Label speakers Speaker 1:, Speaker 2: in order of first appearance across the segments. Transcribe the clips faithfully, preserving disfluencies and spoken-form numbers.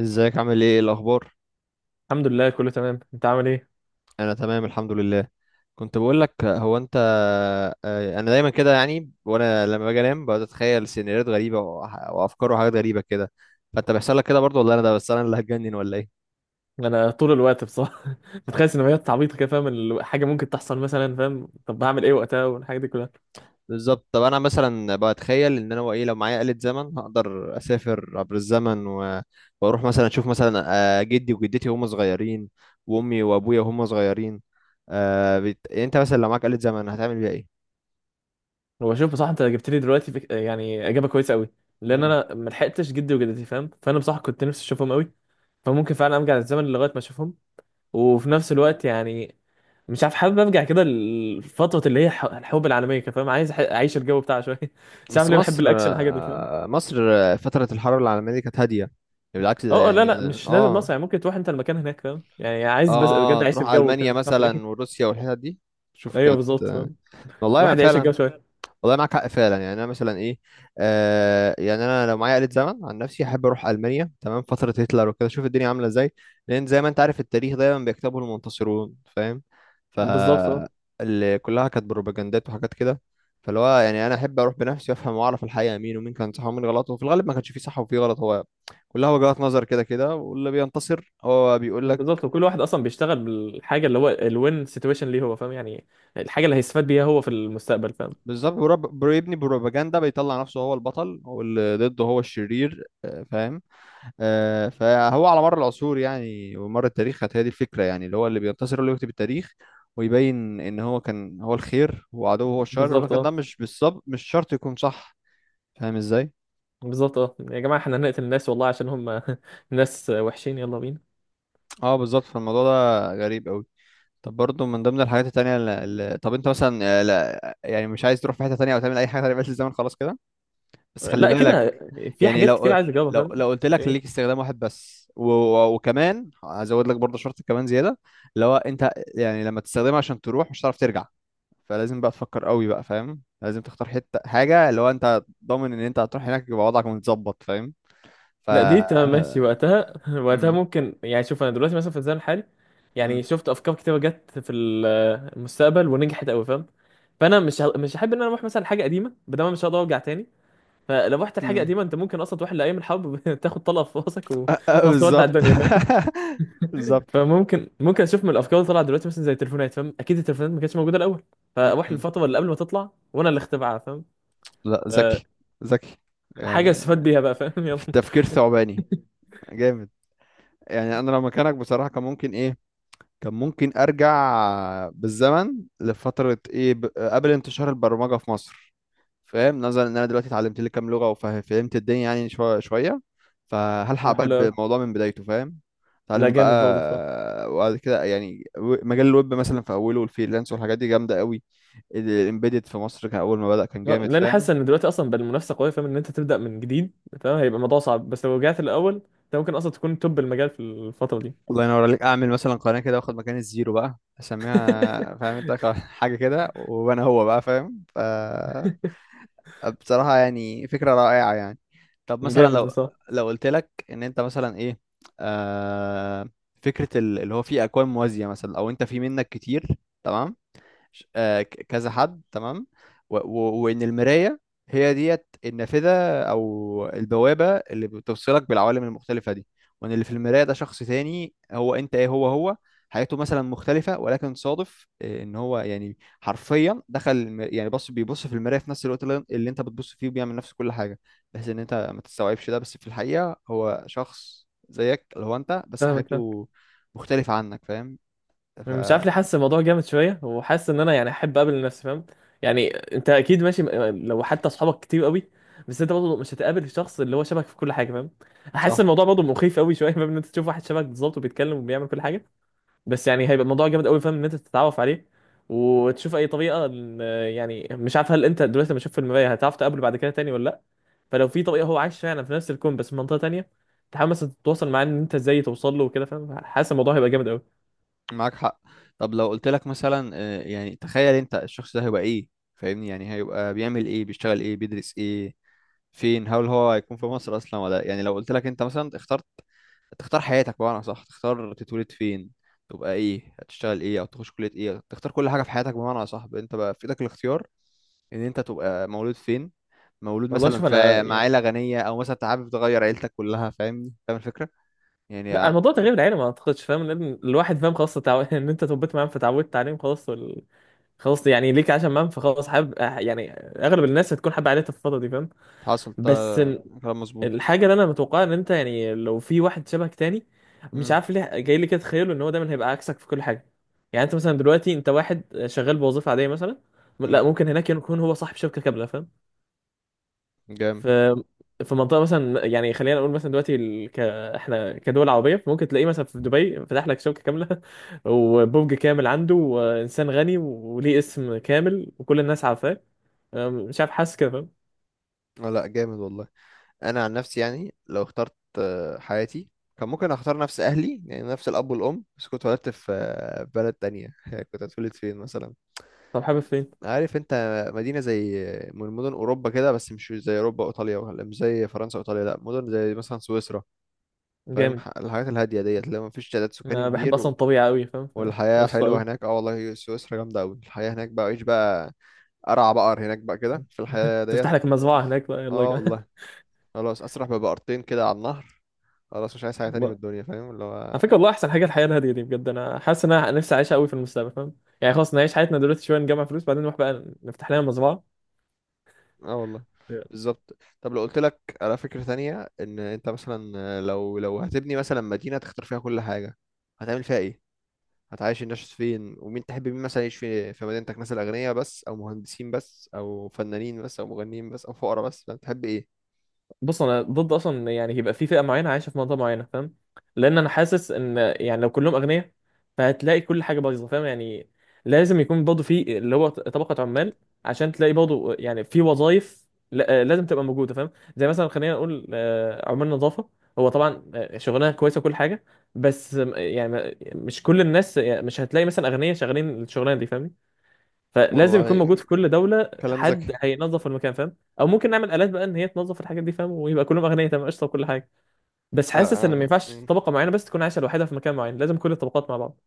Speaker 1: ازيك، عامل ايه؟ إيه الاخبار؟
Speaker 2: الحمد لله، كله تمام. انت عامل ايه؟
Speaker 1: انا تمام، الحمد لله. كنت بقول لك، هو انت... آه، انا دايما كده يعني، وانا لما باجي انام بقعد اتخيل سيناريوهات غريبه وح- وافكار وحاجات غريبه كده. فانت بيحصل لك كده برضه، ولا انا ده؟ بس انا اللي هتجنن ولا ايه؟
Speaker 2: انا طول الوقت بصراحه، بتخيل سيناريوهات عبيطه كده، فاهم؟ ال- حاجه ممكن تحصل مثلا، فاهم؟ طب هعمل ايه وقتها والحاجات دي كلها؟
Speaker 1: بالظبط. طب انا مثلا بتخيل ان انا ايه، لو معايا آلة زمن هقدر اسافر عبر الزمن و... واروح مثلا اشوف مثلا آه، جدي وجدتي وهم صغيرين، وامي وابويا وهم صغيرين. آه، بت... انت مثلا لو معاك آلة زمن هتعمل بيها ايه؟
Speaker 2: وبشوف بصراحه، انت جبت لي دلوقتي فك... يعني اجابه كويسه قوي، لان
Speaker 1: مم.
Speaker 2: انا ما لحقتش جدي وجدتي، فاهم؟ فانا بصراحه كنت نفسي اشوفهم قوي، فممكن فعلا ارجع للزمن لغايه ما اشوفهم. وفي نفس الوقت يعني مش عارف، حابب ارجع كده لفتره اللي هي ح- الحروب العالميه كده، فاهم؟ عايز أح- اعيش الجو بتاعها شويه. مش عارف
Speaker 1: بس
Speaker 2: ليه بحب
Speaker 1: مصر
Speaker 2: الاكشن، حاجه دي، فاهم.
Speaker 1: آه، مصر آه، فترة الحرب العالمية دي كانت هادية يعني، بالعكس. ده
Speaker 2: اه، آه،
Speaker 1: يعني
Speaker 2: لا
Speaker 1: إيه
Speaker 2: لا،
Speaker 1: ده؟
Speaker 2: مش لازم
Speaker 1: اه.
Speaker 2: مصر، يعني ممكن تروح انت المكان هناك، فاهم. يعني عايز بس
Speaker 1: اه،
Speaker 2: بجد عايش
Speaker 1: تروح
Speaker 2: الجو كده،
Speaker 1: ألمانيا
Speaker 2: مش عارف
Speaker 1: مثلا
Speaker 2: ليه.
Speaker 1: وروسيا والحتت دي. شوف،
Speaker 2: ايوه،
Speaker 1: كانت
Speaker 2: بالظبط،
Speaker 1: آه،
Speaker 2: فاهم.
Speaker 1: والله ما
Speaker 2: الواحد يعيش
Speaker 1: فعلا.
Speaker 2: الجو شويه.
Speaker 1: والله معاك حق فعلا. يعني انا مثلا ايه، آه يعني انا لو معايا آلة زمن، عن نفسي احب اروح المانيا تمام فترة هتلر وكده اشوف الدنيا عاملة ازاي. لان زي ما انت عارف، التاريخ دايما بيكتبه المنتصرون فاهم. ف
Speaker 2: بالظبط، اه.
Speaker 1: اللي كلها كانت بروباجندات وحاجات كده. فاللي هو يعني، انا احب اروح بنفسي وافهم واعرف الحقيقة مين ومين كان صح ومين غلط، وفي الغالب ما كانش فيه صح وفيه غلط. هو كلها وجهات نظر كده كده، واللي بينتصر هو بيقول لك.
Speaker 2: بالظبط، وكل واحد اصلا بيشتغل بالحاجه اللي هو الوين سيتويشن ليه هو، فاهم يعني. الحاجه اللي هيستفاد بيها هو في المستقبل، فاهم.
Speaker 1: بالظبط. برب- بيبني بروباجندا، بيطلع نفسه هو البطل، هو اللي ضده هو الشرير آه، فاهم. آه، فهو على مر العصور يعني ومر التاريخ كانت هي دي الفكرة، يعني اللي هو اللي بينتصر هو اللي يكتب التاريخ. ويبين ان هو كان هو الخير، وعدوه هو الشر. يقول لك
Speaker 2: بالظبط،
Speaker 1: ده
Speaker 2: اه.
Speaker 1: مش بالظبط، مش شرط يكون صح. فاهم ازاي؟
Speaker 2: بالظبط، اه. يا جماعه احنا هنقتل الناس والله عشان هم ناس وحشين، يلا بينا.
Speaker 1: اه بالظبط. فالموضوع ده غريب قوي. طب برضه من ضمن الحاجات التانية اللي... اللي- طب انت مثلا آه، لا يعني مش عايز تروح في حتة تانية او تعمل اي حاجة تانية، بس الزمن خلاص كده؟ بس خلي
Speaker 2: لا
Speaker 1: بالك،
Speaker 2: كده، في
Speaker 1: يعني
Speaker 2: حاجات كتير
Speaker 1: لو
Speaker 2: عايز اجاوبها،
Speaker 1: لو
Speaker 2: فاهم.
Speaker 1: لو قلت لك ليك
Speaker 2: إيه؟
Speaker 1: استخدام واحد بس و... و- وكمان هزود لك برضه شرط كمان زياده. اللي هو، انت يعني لما تستخدمها عشان تروح مش هتعرف ترجع. فلازم بقى تفكر قوي بقى فاهم، لازم تختار حته حاجه اللي هو انت ضامن ان انت هتروح هناك يبقى وضعك متظبط فاهم. ف
Speaker 2: لا دي تمام، ماشي وقتها. وقتها
Speaker 1: امم
Speaker 2: ممكن، يعني شوف انا دلوقتي مثلا في الزمن الحالي، يعني
Speaker 1: امم
Speaker 2: شفت افكار كتيره جت في ال- المستقبل ونجحت قوي، فاهم. فانا مش ه... مش هحب ان انا اروح مثلا لحاجه قديمه، بدل ما مش هقدر ارجع تاني. فلو رحت لحاجه
Speaker 1: امم
Speaker 2: قديمه، انت ممكن اصلا تروح لايام الحرب تاخد طلقه في راسك وخلاص تودع
Speaker 1: بالظبط.
Speaker 2: الدنيا، فاهم.
Speaker 1: بالظبط.
Speaker 2: فممكن، ممكن اشوف من الافكار اللي طلعت دلوقتي، مثلا زي التليفونات، فاهم. اكيد التليفونات ما كانتش موجوده الاول، فاروح
Speaker 1: امم
Speaker 2: للفتره اللي قبل ما تطلع وانا اللي اخترعها، فاهم.
Speaker 1: لا،
Speaker 2: ف-
Speaker 1: ذكي. ذكي
Speaker 2: حاجه
Speaker 1: يعني.
Speaker 2: استفاد بيها بقى، فاهم. يلا.
Speaker 1: في التفكير ثعباني. جامد. يعني انا لو مكانك بصراحه كان ممكن ايه، كان ممكن ارجع بالزمن لفتره ايه، ب... قبل انتشار البرمجه في مصر. فاهم، نظرا ان انا دلوقتي اتعلمت لي كام لغه وفهمت الدنيا يعني شويه شويه. فهلحق
Speaker 2: آه،
Speaker 1: بقى
Speaker 2: حلو أوي.
Speaker 1: بالموضوع من بدايته فاهم.
Speaker 2: لا،
Speaker 1: اتعلم
Speaker 2: جامد برضه، صح.
Speaker 1: بقى وبعد كده يعني، و- مجال الويب مثلا في اوله والفريلانس والحاجات دي جامده قوي. الامبيدد في مصر كان اول ما بدأ كان
Speaker 2: لا،
Speaker 1: جامد
Speaker 2: لأن انا
Speaker 1: فاهم.
Speaker 2: حاسس ان دلوقتي اصلا بقى المنافسه قويه، فاهم، ان انت تبدا من جديد، فاهم. هيبقى الموضوع صعب، بس لو رجعت الاول انت ممكن اصلا تكون توب المجال في الفتره دي.
Speaker 1: الله ينور عليك. اعمل مثلا قناه كده واخد مكان الزيرو بقى اسميها فاهم انت حاجه كده وانا هو بقى فاهم. ف بصراحة يعني فكرة رائعة يعني. طب مثلا
Speaker 2: جامد
Speaker 1: لو
Speaker 2: بصراحه.
Speaker 1: لو قلت لك ان انت مثلا ايه، آه فكرة ال- اللي هو فيه اكوان موازية مثلا، او انت في منك كتير، تمام، ش- آه، ك- كذا حد تمام، و- و- وان المرايه هي ديت النافذه، او البوابه اللي بتوصلك بالعوالم المختلفه دي. وان اللي في المرايه ده شخص تاني هو انت ايه، هو هو حياته مثلا مختلفه، ولكن صادف آه، ان هو يعني حرفيا دخل الم- يعني بص بيبص في المرايه في نفس الوقت اللي اللي انت بتبص فيه، وبيعمل نفس كل حاجه. بحيث ان انت ما تستوعبش ده، بس في الحقيقه هو شخص زيك اللي هو انت، بس
Speaker 2: فاهمك فاهمك.
Speaker 1: حياته مختلفه عنك فاهم. ف
Speaker 2: مش عارف ليه حاسس الموضوع جامد شويه، وحاسس ان انا يعني احب اقابل نفسي، فاهم. يعني انت اكيد ماشي لو حتى اصحابك كتير قوي، بس انت برضه مش هتقابل الشخص اللي هو شبهك في كل حاجه، فاهم. احس
Speaker 1: صح.
Speaker 2: الموضوع برضه مخيف قوي شويه، فاهم، ان انت تشوف واحد شبهك بالظبط وبيتكلم وبيعمل كل حاجه. بس يعني هيبقى الموضوع جامد قوي، فاهم، ان انت تتعرف عليه وتشوف اي طريقه إن- يعني مش عارف، هل انت دلوقتي لما تشوف في المرايه هتعرف تقابله بعد كده تاني ولا لا. فلو في طريقه هو عايش فعلا في نفس الكون بس في منطقه تانيه، تحاول مثلا تتواصل معاه، ان انت ازاي توصل له وكده، فاهم. حاسس الموضوع هيبقى جامد قوي.
Speaker 1: معاك حق. طب لو قلت لك مثلا آه، يعني تخيل انت الشخص ده هيبقى ايه، فاهمني، يعني هيبقى بيعمل ايه، بيشتغل ايه، بيدرس ايه، فين، هل هو هيكون في مصر اصلا ولا؟ يعني لو قلت لك انت مثلا اخترت تختار حياتك بمعنى صح، تختار تتولد فين، تبقى ايه، هتشتغل ايه، او تخش كلية ايه، تختار كل حاجة في حياتك بمعنى صح، انت بقى في ايدك الاختيار. ان انت تبقى مولود فين، مولود
Speaker 2: والله
Speaker 1: مثلا
Speaker 2: شوف، انا
Speaker 1: في مع عيلة
Speaker 2: يعني
Speaker 1: غنية، او مثلا انت حابب تغير عيلتك كلها فاهمني، فاهم الفكرة.
Speaker 2: لا،
Speaker 1: يعني
Speaker 2: الموضوع تغيير العيله ما اعتقدش، فاهم، لان الواحد فاهم خلاص تعو... ان انت تربيت معاهم فتعودت عليهم خلاص وال... خلاص، يعني ليك عشان معاهم فخلاص حابب، يعني اغلب الناس هتكون حابه عيلتها في الفتره دي، فاهم.
Speaker 1: حاصل ده.
Speaker 2: بس
Speaker 1: كلام مظبوط.
Speaker 2: الحاجه اللي انا متوقعها، ان انت يعني لو في واحد شبهك تاني، مش
Speaker 1: مم.
Speaker 2: عارف ليه جاي لي كده تخيله ان هو دايما هيبقى عكسك في كل حاجه. يعني انت مثلا دلوقتي انت واحد شغال بوظيفه عاديه مثلا، لا
Speaker 1: مم.
Speaker 2: ممكن هناك يكون هو صاحب شركه كامله، فاهم.
Speaker 1: جامد.
Speaker 2: في في منطقه مثلا، يعني خلينا نقول مثلا دلوقتي ال... ك... احنا كدول عربيه، ممكن تلاقيه مثلا في دبي فتح لك شركه كامله وبرج كامل عنده وانسان غني وليه اسم كامل وكل الناس عارفاه. أم، مش عارف، حاسس كده، فاهم.
Speaker 1: آه، لا جامد والله. انا عن نفسي يعني لو اخترت آه، حياتي كان ممكن اختار نفس اهلي يعني نفس الاب والام، بس كنت اتولدت في آه، بلد تانية. كنت هتولد فين مثلا؟
Speaker 2: طب حابب فين؟
Speaker 1: عارف انت، مدينه زي آه، من مدن اوروبا كده، بس مش زي اوروبا وايطاليا، ولا مش زي فرنسا وايطاليا، لا مدن زي مثلا سويسرا. فاهم،
Speaker 2: جامد.
Speaker 1: ح- الحاجات الهاديه ديت اللي ما فيش تعداد سكاني
Speaker 2: انا بحب
Speaker 1: كبير
Speaker 2: اصلا
Speaker 1: و...
Speaker 2: الطبيعه قوي، فاهم. ف-
Speaker 1: والحياه حلوه
Speaker 2: قشطه،
Speaker 1: هناك. اه والله سويسرا جامده قوي. الحياه هناك بقى، عيش بقى. ارعى بقر هناك بقى كده في الحياه ديت.
Speaker 2: تفتح لك مزرعه هناك بقى، يلا يا
Speaker 1: اه
Speaker 2: جماعه.
Speaker 1: والله. خلاص اسرح ببقرتين كده على النهر. خلاص مش عايز حاجة تانية من
Speaker 2: والله.
Speaker 1: الدنيا فاهم اللي
Speaker 2: على فكره،
Speaker 1: هو.
Speaker 2: والله احسن حاجه الحياه الهاديه دي، بجد انا حاسس ان انا نفسي اعيشها قوي في المستقبل، فاهم يعني. خلاص نعيش حياتنا دلوقتي شويه، نجمع فلوس، بعدين نروح بقى نفتح لنا مزرعه.
Speaker 1: اه والله. بالظبط. طب لو قلت لك على فكرة تانية، ان انت مثلا لو لو هتبني مثلا مدينة تختار فيها كل حاجة، هتعمل فيها ايه؟ هتعيش الناس فين؟ ومين تحب مين مثلا يعيش في في مدينتك؟ مثلا اغنياء بس، او مهندسين بس، او فنانين بس، او مغنيين بس، او فقراء بس، فانت تحب ايه؟
Speaker 2: بص، انا ضد اصلا إن يعني يبقى في فئه معينه عايشه في منطقه معينه، فاهم. لان انا حاسس ان يعني لو كلهم اغنياء، فهتلاقي كل حاجه بايظه، فاهم يعني. لازم يكون برضه في اللي هو طبقه عمال، عشان تلاقي برضه يعني في وظائف لا- لازم تبقى موجوده، فاهم. زي مثلا خلينا نقول آه، عمال نظافه. هو طبعا آه، شغلانه كويسه وكل حاجه، بس آه، يعني مش كل الناس، يعني مش هتلاقي مثلا اغنياء شغالين الشغلانه دي، فاهمني. فلازم يكون موجود
Speaker 1: والله
Speaker 2: في كل دولة
Speaker 1: كلام
Speaker 2: حد
Speaker 1: ذكي.
Speaker 2: مم. هينظف المكان، فاهم. او ممكن نعمل آلات بقى ان هي تنظف الحاجات دي، فاهم، ويبقى كلهم اغنياء تمام، قشطة وكل حاجة. بس
Speaker 1: لا
Speaker 2: حاسس ان ما
Speaker 1: آه،
Speaker 2: ينفعش طبقة معينة بس تكون عايشة لوحدها في مكان معين، لازم كل الطبقات مع بعض.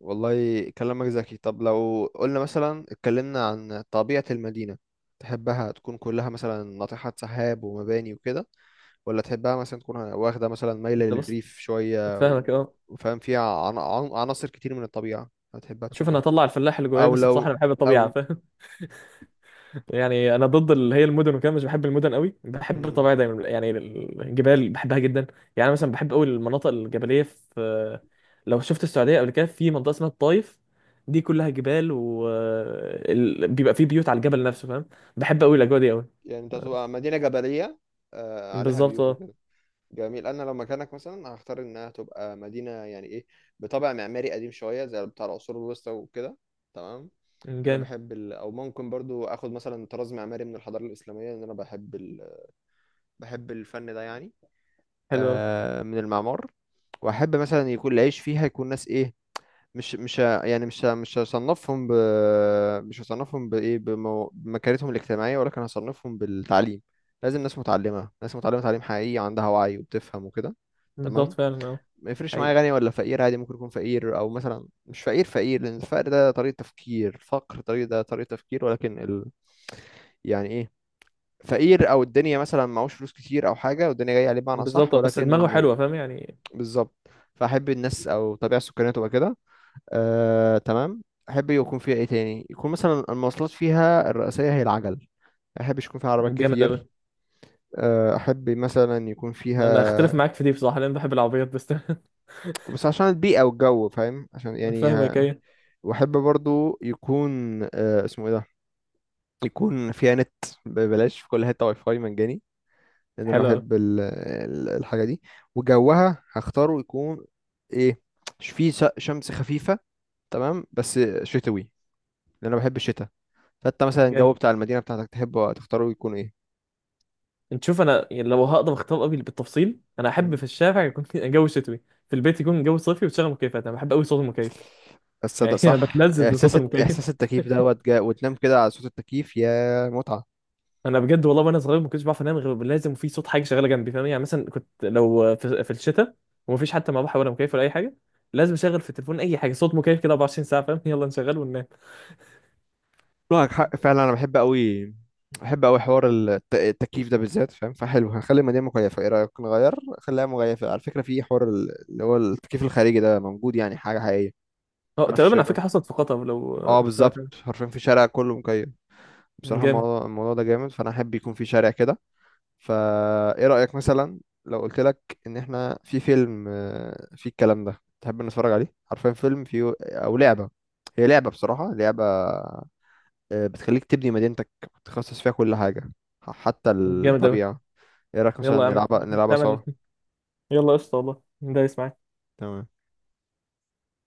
Speaker 1: والله كلامك ذكي. طب لو قلنا مثلا اتكلمنا عن طبيعة المدينة، تحبها تكون كلها مثلا ناطحات سحاب ومباني وكده، ولا تحبها مثلا تكون واخدة مثلا مايلة
Speaker 2: انت بص،
Speaker 1: للريف شوية و-
Speaker 2: فاهمك اه.
Speaker 1: وفاهم فيها عن- عن- عناصر كتير من الطبيعة. هتحبها تكون
Speaker 2: شوف، انا
Speaker 1: ايه؟
Speaker 2: هطلع الفلاح اللي جوايا،
Speaker 1: او
Speaker 2: بس بصراحة
Speaker 1: لو
Speaker 2: انا بحب الطبيعة.
Speaker 1: او
Speaker 2: يعني انا ضد اللي هي المدن وكده، مش بحب المدن قوي، بحب
Speaker 1: مم.
Speaker 2: الطبيعه دايما، يعني الجبال بحبها جدا. يعني أنا مثلا بحب قوي المناطق الجبليه في، لو شفت السعوديه قبل كده، في منطقه اسمها الطايف، دي كلها جبال و ال- بيبقى فيه بيوت على الجبل نفسه، فاهم. بحب قوي الاجواء دي قوي.
Speaker 1: يعني انت تبقى مدينة جبلية آه، عليها
Speaker 2: بالظبط،
Speaker 1: بيوت
Speaker 2: اه.
Speaker 1: وكده. جميل. انا لو مكانك مثلا هختار انها تبقى مدينة يعني ايه، بطابع معماري قديم شوية زي بتاع العصور الوسطى وكده. تمام. انا
Speaker 2: جامد.
Speaker 1: بحب ال... او ممكن برضو اخد مثلا طراز معماري من الحضاره الاسلاميه، ان انا بحب ال... بحب الفن ده يعني.
Speaker 2: حلو قوي.
Speaker 1: آه من المعمار. واحب مثلا يكون العيش فيها، يكون ناس ايه، مش مش ه- يعني مش ه- مش هصنفهم ب... مش هصنفهم بايه، بمو... بمكانتهم الاجتماعيه، ولكن هصنفهم بالتعليم. لازم ناس متعلمه، ناس متعلمه تعليم حقيقي، عندها وعي وبتفهم وكده.
Speaker 2: بالظبط،
Speaker 1: تمام.
Speaker 2: فعلا، اه.
Speaker 1: ما يفرقش معايا
Speaker 2: حقيقي.
Speaker 1: غني ولا فقير، عادي ممكن يكون فقير، او مثلا مش فقير فقير، لان الفقر ده طريقه تفكير، الفقر طريقه، ده طريقه تفكير، ولكن ال... يعني ايه، فقير او الدنيا مثلا معهوش فلوس كتير او حاجه والدنيا جايه عليه بمعنى صح،
Speaker 2: بالظبط، آه. بس دماغه
Speaker 1: ولكن
Speaker 2: حلوه، فاهم يعني.
Speaker 1: بالظبط. فاحب الناس او الطبيعه السكانيه تبقى كده. آه تمام. احب يكون فيها ايه تاني، يكون مثلا المواصلات فيها الرئيسيه هي العجل. ما احبش يكون فيها عربيات
Speaker 2: جامد قوي.
Speaker 1: كتير. آه، احب مثلا يكون
Speaker 2: انا اختلف
Speaker 1: فيها،
Speaker 2: معاك في دي بصراحه، لان بحب العربيات بس.
Speaker 1: بس عشان البيئه والجو فاهم، عشان يعني
Speaker 2: فاهمك،
Speaker 1: آه،
Speaker 2: ايه.
Speaker 1: واحب برضو يكون آه، اسمه ايه ده، يكون فيها نت ببلاش في كل حته، واي فاي مجاني، لان انا
Speaker 2: حلو أوي.
Speaker 1: بحب ال- ال- الحاجه دي. وجوها هختاره يكون ايه؟ ش- فيه س- شمس خفيفه تمام بس شتوي، لان انا بحب الشتاء. فانت مثلا الجو
Speaker 2: جامد.
Speaker 1: بتاع المدينه بتاعتك تحبه تختاره يكون ايه؟
Speaker 2: انت شوف، انا يعني لو هقدر اختار ابي بالتفصيل، انا احب
Speaker 1: مم.
Speaker 2: في الشارع يكون جو شتوي، في البيت يكون جو صيفي وتشغل مكيفات. انا بحب قوي صوت المكيف،
Speaker 1: بس صدق
Speaker 2: يعني. انا
Speaker 1: صح
Speaker 2: بتلذذ بصوت
Speaker 1: احساس الت-
Speaker 2: المكيف.
Speaker 1: احساس التكييف دوت جا وتنام كده على صوت التكييف، يا متعه.
Speaker 2: انا بجد والله، وانا صغير ما كنتش بعرف انام غير لازم في صوت حاجه شغاله جنبي، فاهم يعني. مثلا كنت لو في, في الشتاء ومفيش حتى مروحه ولا مكيف ولا اي حاجه، لازم اشغل في التليفون اي حاجه، صوت مكيف كده، أربعة وعشرين ساعه، فاهم. يلا نشغل وننام.
Speaker 1: معك حق فعلا. انا بحب قوي، بحب قوي حوار الت- التكييف ده بالذات فاهم. فحلو هنخلي المدينه مكيفه، ايه رايك نغير، خليها مكيفه. على فكره في حوار ال- اللي هو التكييف الخارجي ده موجود، يعني حاجه حقيقيه.
Speaker 2: اه
Speaker 1: أنا في
Speaker 2: تقريبا، على
Speaker 1: الشارع،
Speaker 2: فكره حصلت في قطر، لو
Speaker 1: اه
Speaker 2: آه، سمعت
Speaker 1: بالظبط
Speaker 2: عنها.
Speaker 1: حرفيا في شارع كله مكيف. بصراحة
Speaker 2: جامد.
Speaker 1: الموضوع، الموضوع ده جامد، فأنا أحب يكون في شارع كده. فا إيه رأيك مثلا لو قلت لك إن إحنا في فيلم آه، فيه الكلام ده، تحب نتفرج عليه حرفيا فيلم فيه أو لعبة؟ هي لعبة بصراحة، لعبة آه، بتخليك تبني مدينتك، تخصص فيها كل حاجة، ح- حتى
Speaker 2: جامد قوي.
Speaker 1: الطبيعة. إيه رأيك مثلا
Speaker 2: يلا يا عم،
Speaker 1: نلعبها، نلعبها سوا؟
Speaker 2: تعمل، يلا قشطه، والله ده يسمع.
Speaker 1: تمام.